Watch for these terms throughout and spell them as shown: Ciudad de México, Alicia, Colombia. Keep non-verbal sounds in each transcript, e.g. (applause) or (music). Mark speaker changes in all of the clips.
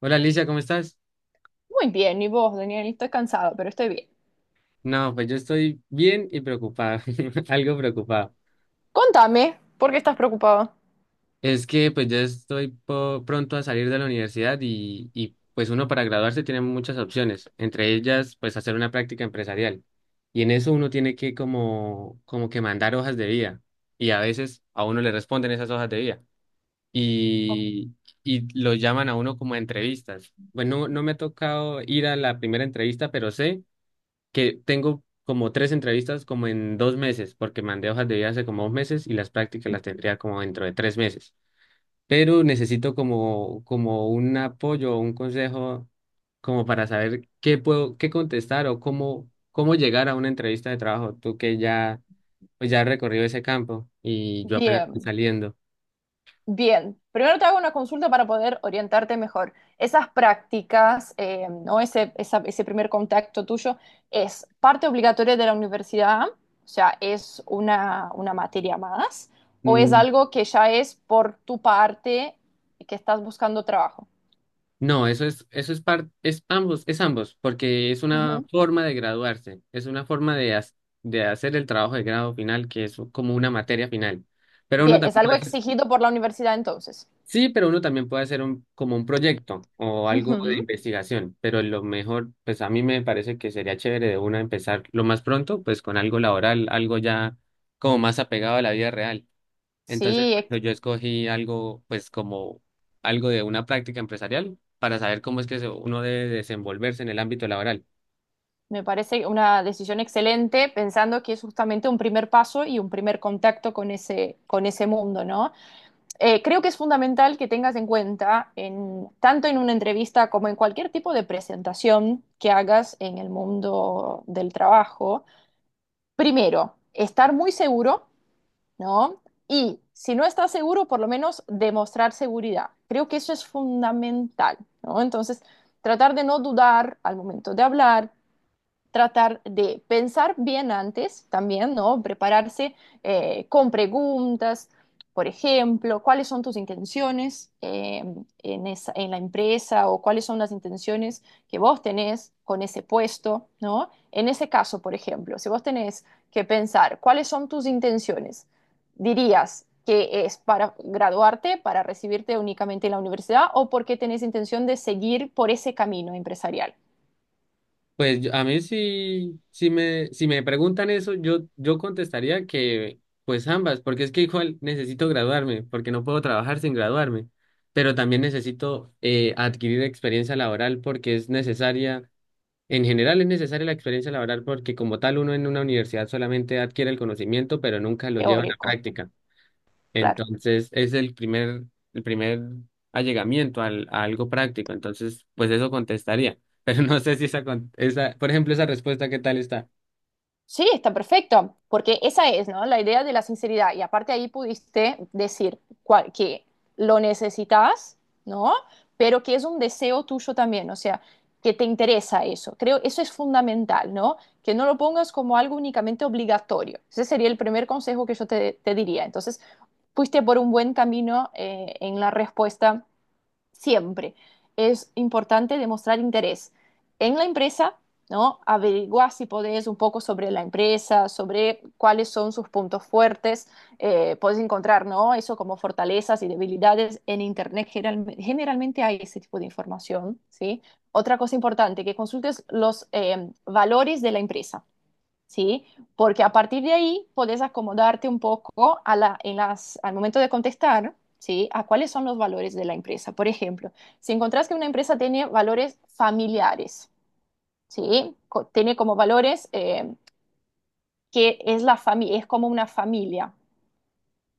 Speaker 1: Hola Alicia, ¿cómo estás?
Speaker 2: Muy bien, y vos, Daniel, estoy cansado, pero estoy bien.
Speaker 1: No, pues yo estoy bien y preocupado, (laughs) algo preocupado.
Speaker 2: Contame, ¿por qué estás preocupado?
Speaker 1: Es que pues yo estoy pronto a salir de la universidad y pues uno para graduarse tiene muchas opciones, entre ellas pues hacer una práctica empresarial. Y en eso uno tiene que como que mandar hojas de vida y a veces a uno le responden esas hojas de vida y, y lo llaman a uno como a entrevistas. Pues no, no me ha tocado ir a la primera entrevista, pero sé que tengo como tres entrevistas como en 2 meses, porque mandé hojas de vida hace como 2 meses y las prácticas las tendría como dentro de 3 meses. Pero necesito como un apoyo o un consejo como para saber qué puedo, qué contestar o cómo llegar a una entrevista de trabajo. Tú que ya has recorrido ese campo y yo apenas estoy
Speaker 2: Bien,
Speaker 1: saliendo.
Speaker 2: bien. Primero te hago una consulta para poder orientarte mejor. Esas prácticas, o ese, ese primer contacto tuyo, ¿es parte obligatoria de la universidad? O sea, ¿es una materia más? ¿O es
Speaker 1: Mm.
Speaker 2: algo que ya es por tu parte y que estás buscando trabajo?
Speaker 1: No, eso es es ambos, porque es una
Speaker 2: Ujú.
Speaker 1: forma de graduarse, es una forma de hacer el trabajo de grado final, que es como una materia final. Pero uno
Speaker 2: Bien, es
Speaker 1: también
Speaker 2: algo
Speaker 1: puede hacer,
Speaker 2: exigido por la universidad entonces.
Speaker 1: sí, pero uno también puede hacer un, como un proyecto o algo de
Speaker 2: Ujú.
Speaker 1: investigación. Pero lo mejor, pues a mí me parece que sería chévere de una empezar lo más pronto, pues con algo laboral, algo ya como más apegado a la vida real. Entonces, por
Speaker 2: Sí,
Speaker 1: eso yo escogí algo, pues como algo de una práctica empresarial para saber cómo es que uno debe desenvolverse en el ámbito laboral.
Speaker 2: me parece una decisión excelente, pensando que es justamente un primer paso y un primer contacto con ese mundo, ¿no? Creo que es fundamental que tengas en cuenta, tanto en una entrevista como en cualquier tipo de presentación que hagas en el mundo del trabajo, primero, estar muy seguro, ¿no? Y si no estás seguro, por lo menos demostrar seguridad. Creo que eso es fundamental, ¿no? Entonces, tratar de no dudar al momento de hablar. Tratar de pensar bien antes también, ¿no? Prepararse con preguntas, por ejemplo, cuáles son tus intenciones en en la empresa, o cuáles son las intenciones que vos tenés con ese puesto, ¿no? En ese caso, por ejemplo, si vos tenés que pensar cuáles son tus intenciones, dirías que es para graduarte, para recibirte únicamente en la universidad, o porque tenés intención de seguir por ese camino empresarial,
Speaker 1: Pues a mí sí, si me preguntan eso, yo contestaría que pues ambas, porque es que igual necesito graduarme, porque no puedo trabajar sin graduarme, pero también necesito adquirir experiencia laboral porque es necesaria, en general es necesaria la experiencia laboral porque como tal uno en una universidad solamente adquiere el conocimiento, pero nunca lo lleva a la
Speaker 2: teórico,
Speaker 1: práctica.
Speaker 2: claro.
Speaker 1: Entonces, es el primer allegamiento al, a algo práctico. Entonces, pues eso contestaría. (laughs) Pero no sé si esa, por ejemplo, esa respuesta, ¿qué tal está?
Speaker 2: Sí, está perfecto, porque esa es, ¿no?, la idea de la sinceridad. Y aparte, ahí pudiste decir que lo necesitas, ¿no? Pero que es un deseo tuyo también, o sea, que te interesa eso. Creo eso es fundamental, ¿no? Que no lo pongas como algo únicamente obligatorio. Ese sería el primer consejo que yo te diría. Entonces, fuiste por un buen camino en la respuesta. Siempre es importante demostrar interés en la empresa, ¿no? Averiguar si podés un poco sobre la empresa, sobre cuáles son sus puntos fuertes. Podés encontrar, ¿no?, eso como fortalezas y debilidades en Internet. Generalmente hay ese tipo de información, ¿sí? Otra cosa importante, que consultes los valores de la empresa. ¿Sí? Porque a partir de ahí podés acomodarte un poco a al momento de contestar, ¿sí? A cuáles son los valores de la empresa. Por ejemplo, si encontrás que una empresa tiene valores familiares, ¿sí? Tiene como valores que es, es como una familia.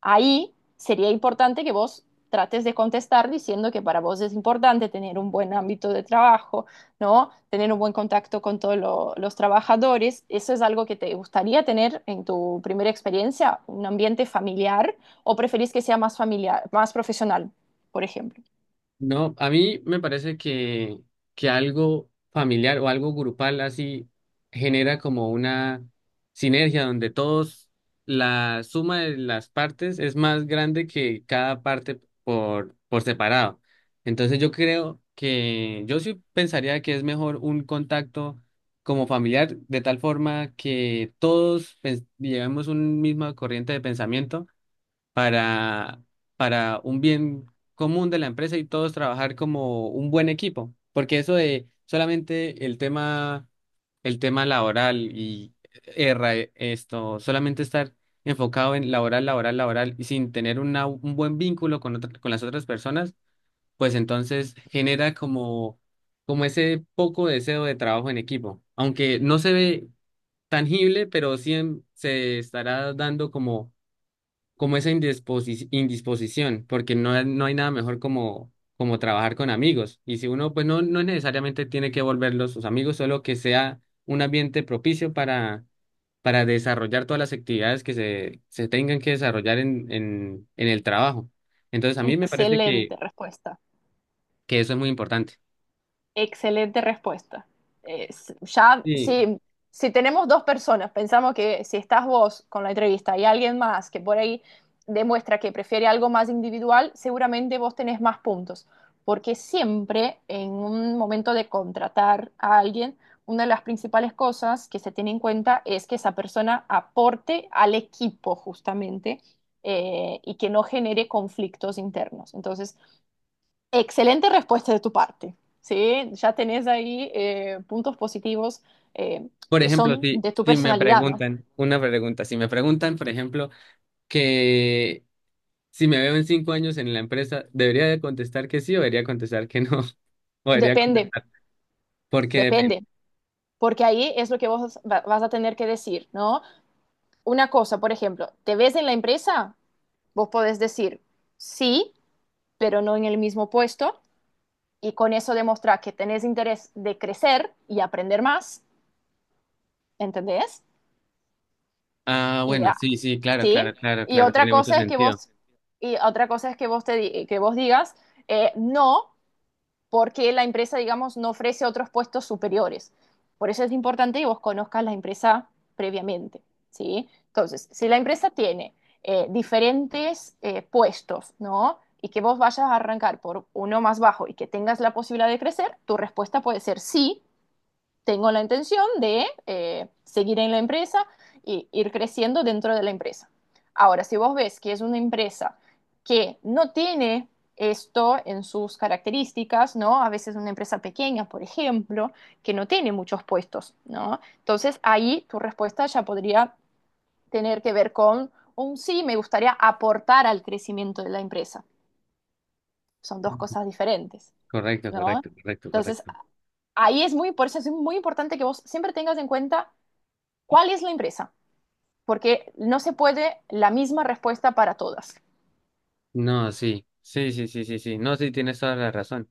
Speaker 2: Ahí sería importante que vos trates de contestar diciendo que para vos es importante tener un buen ámbito de trabajo, ¿no? Tener un buen contacto con todos los trabajadores. Eso es algo que te gustaría tener en tu primera experiencia: un ambiente familiar, o preferís que sea más familiar, más profesional, por ejemplo.
Speaker 1: No, a mí me parece que algo familiar o algo grupal así genera como una sinergia donde todos, la suma de las partes es más grande que cada parte por separado. Entonces yo creo que yo sí pensaría que es mejor un contacto como familiar de tal forma que todos pues, llevemos una misma corriente de pensamiento para, para un bien común de la empresa y todos trabajar como un buen equipo, porque eso de solamente el tema laboral y erra esto, solamente estar enfocado en laboral, laboral, laboral y sin tener una, un buen vínculo con con las otras personas, pues entonces genera como ese poco deseo de trabajo en equipo, aunque no se ve tangible, pero sí se estará dando como esa indisposición, porque no, no hay nada mejor como trabajar con amigos. Y si uno, pues no, no necesariamente tiene que volverlos sus amigos, solo que sea un ambiente propicio para desarrollar todas las actividades que se tengan que desarrollar en el trabajo. Entonces, a mí me parece
Speaker 2: Excelente
Speaker 1: que,
Speaker 2: respuesta.
Speaker 1: que eso es muy importante.
Speaker 2: Excelente respuesta. Ya,
Speaker 1: Sí,
Speaker 2: si tenemos dos personas, pensamos que si estás vos con la entrevista y alguien más que por ahí demuestra que prefiere algo más individual, seguramente vos tenés más puntos, porque siempre en un momento de contratar a alguien, una de las principales cosas que se tiene en cuenta es que esa persona aporte al equipo, justamente, y que no genere conflictos internos. Entonces, excelente respuesta de tu parte, ¿sí? Ya tenés ahí puntos positivos, eh,
Speaker 1: por
Speaker 2: que
Speaker 1: ejemplo,
Speaker 2: son
Speaker 1: si,
Speaker 2: de tu
Speaker 1: si me
Speaker 2: personalidad, ¿no?
Speaker 1: preguntan, una pregunta, si me preguntan, por ejemplo, que si me veo en 5 años en la empresa, ¿debería de contestar que sí o debería contestar que no? Podría,
Speaker 2: Depende,
Speaker 1: porque depende.
Speaker 2: depende, porque ahí es lo que vos vas a tener que decir, ¿no? Una cosa, por ejemplo, ¿te ves en la empresa? Vos podés decir sí, pero no en el mismo puesto, y con eso demostrar que tenés interés de crecer y aprender más, ¿entendés?
Speaker 1: Ah,
Speaker 2: Y
Speaker 1: bueno,
Speaker 2: a-
Speaker 1: sí, sí, claro,
Speaker 2: ¿Sí?
Speaker 1: claro, claro,
Speaker 2: Y
Speaker 1: claro,
Speaker 2: otra
Speaker 1: tiene mucho
Speaker 2: cosa es que
Speaker 1: sentido.
Speaker 2: vos, que vos digas, no, porque la empresa, digamos, no ofrece otros puestos superiores. Por eso es importante que vos conozcas la empresa previamente, ¿sí? Entonces, si la empresa tiene diferentes puestos, ¿no?, y que vos vayas a arrancar por uno más bajo y que tengas la posibilidad de crecer, tu respuesta puede ser sí, tengo la intención de seguir en la empresa y ir creciendo dentro de la empresa. Ahora, si vos ves que es una empresa que no tiene esto en sus características, ¿no?, a veces una empresa pequeña, por ejemplo, que no tiene muchos puestos, ¿no?, entonces ahí tu respuesta ya podría tener que ver con un sí, me gustaría aportar al crecimiento de la empresa. Son dos cosas diferentes,
Speaker 1: Correcto,
Speaker 2: ¿no?
Speaker 1: correcto, correcto,
Speaker 2: Entonces
Speaker 1: correcto.
Speaker 2: ahí por eso es muy importante que vos siempre tengas en cuenta ¿cuál es la empresa? Porque no se puede la misma respuesta para todas.
Speaker 1: No, sí, sí, sí, sí, sí, sí. No, sí, tienes toda la razón.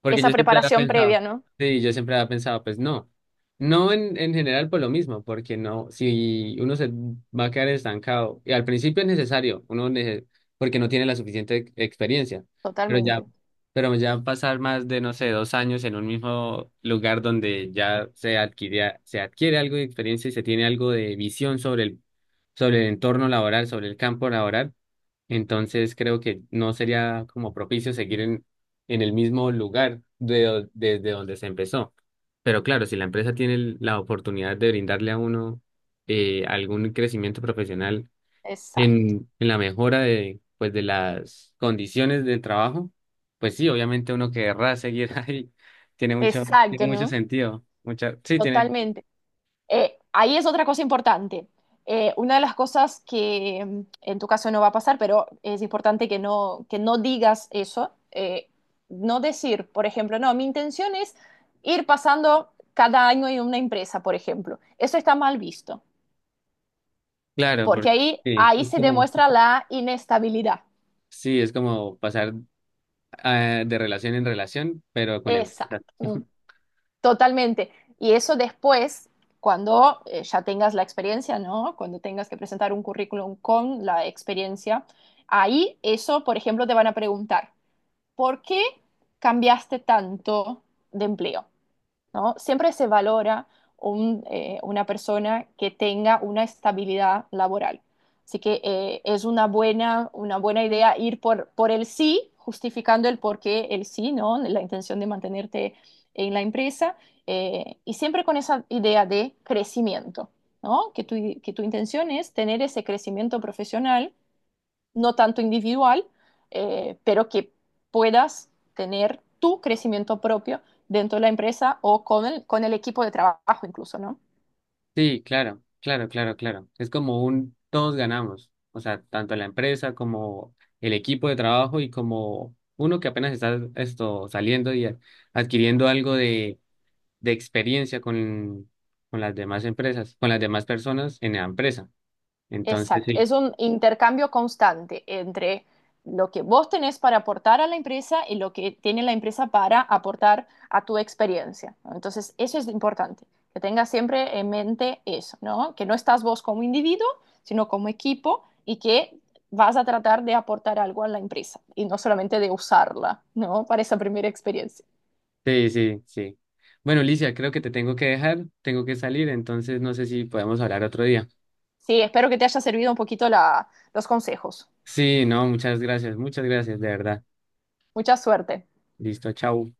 Speaker 1: Porque
Speaker 2: Esa
Speaker 1: yo siempre había
Speaker 2: preparación
Speaker 1: pensado,
Speaker 2: previa, ¿no?
Speaker 1: sí, yo siempre había pensado, pues no, no en, en general por lo mismo, porque no, si uno se va a quedar estancado, y al principio es necesario, porque no tiene la suficiente experiencia, pero ya,
Speaker 2: Totalmente.
Speaker 1: pero ya pasar más de, no sé, 2 años en un mismo lugar donde ya se adquiría, se adquiere algo de experiencia y se tiene algo de visión sobre el entorno laboral, sobre el campo laboral, entonces creo que no sería como propicio seguir en el mismo lugar de, desde donde se empezó. Pero claro, si la empresa tiene la oportunidad de brindarle a uno algún crecimiento profesional
Speaker 2: Exacto.
Speaker 1: en la mejora de las condiciones del trabajo, pues sí, obviamente uno querrá seguir (laughs) ahí.
Speaker 2: Exacto,
Speaker 1: Tiene mucho
Speaker 2: ¿no?
Speaker 1: sentido. Mucha, sí, tiene,
Speaker 2: Totalmente. Ahí es otra cosa importante. Una de las cosas que, en tu caso no va a pasar, pero es importante que no, digas eso. No decir, por ejemplo, no, mi intención es ir pasando cada año en una empresa, por ejemplo. Eso está mal visto,
Speaker 1: claro,
Speaker 2: porque
Speaker 1: porque
Speaker 2: ahí,
Speaker 1: sí,
Speaker 2: ahí
Speaker 1: es
Speaker 2: se
Speaker 1: como,
Speaker 2: demuestra la inestabilidad.
Speaker 1: sí, es como pasar ah, de relación en relación, pero con empresas.
Speaker 2: Exacto, totalmente. Y eso después, cuando ya tengas la experiencia, ¿no?, cuando tengas que presentar un currículum con la experiencia, ahí eso, por ejemplo, te van a preguntar, ¿por qué cambiaste tanto de empleo? ¿No? Siempre se valora una persona que tenga una estabilidad laboral. Así que, es una buena, idea ir por el sí, justificando el por qué el sí, ¿no? La intención de mantenerte en la empresa, y siempre con esa idea de crecimiento, ¿no? Que tu intención es tener ese crecimiento profesional, no tanto individual, pero que puedas tener tu crecimiento propio dentro de la empresa, o con el equipo de trabajo incluso, ¿no?
Speaker 1: Sí, claro, claro, claro, claro. Es como un todos ganamos, o sea, tanto la empresa como el equipo de trabajo y como uno que apenas está esto saliendo y adquiriendo algo de experiencia con las demás empresas, con las demás personas en la empresa. Entonces,
Speaker 2: Exacto,
Speaker 1: sí,
Speaker 2: es un intercambio constante entre lo que vos tenés para aportar a la empresa y lo que tiene la empresa para aportar a tu experiencia, ¿no? Entonces, eso es importante, que tengas siempre en mente eso, ¿no? Que no estás vos como individuo, sino como equipo, y que vas a tratar de aportar algo a la empresa y no solamente de usarla, ¿no?, para esa primera experiencia.
Speaker 1: sí, sí, sí. Bueno, Licia, creo que te tengo que dejar, tengo que salir, entonces no sé si podemos hablar otro día.
Speaker 2: Sí, espero que te haya servido un poquito los consejos.
Speaker 1: Sí, no, muchas gracias, de verdad.
Speaker 2: Mucha suerte.
Speaker 1: Listo, chao.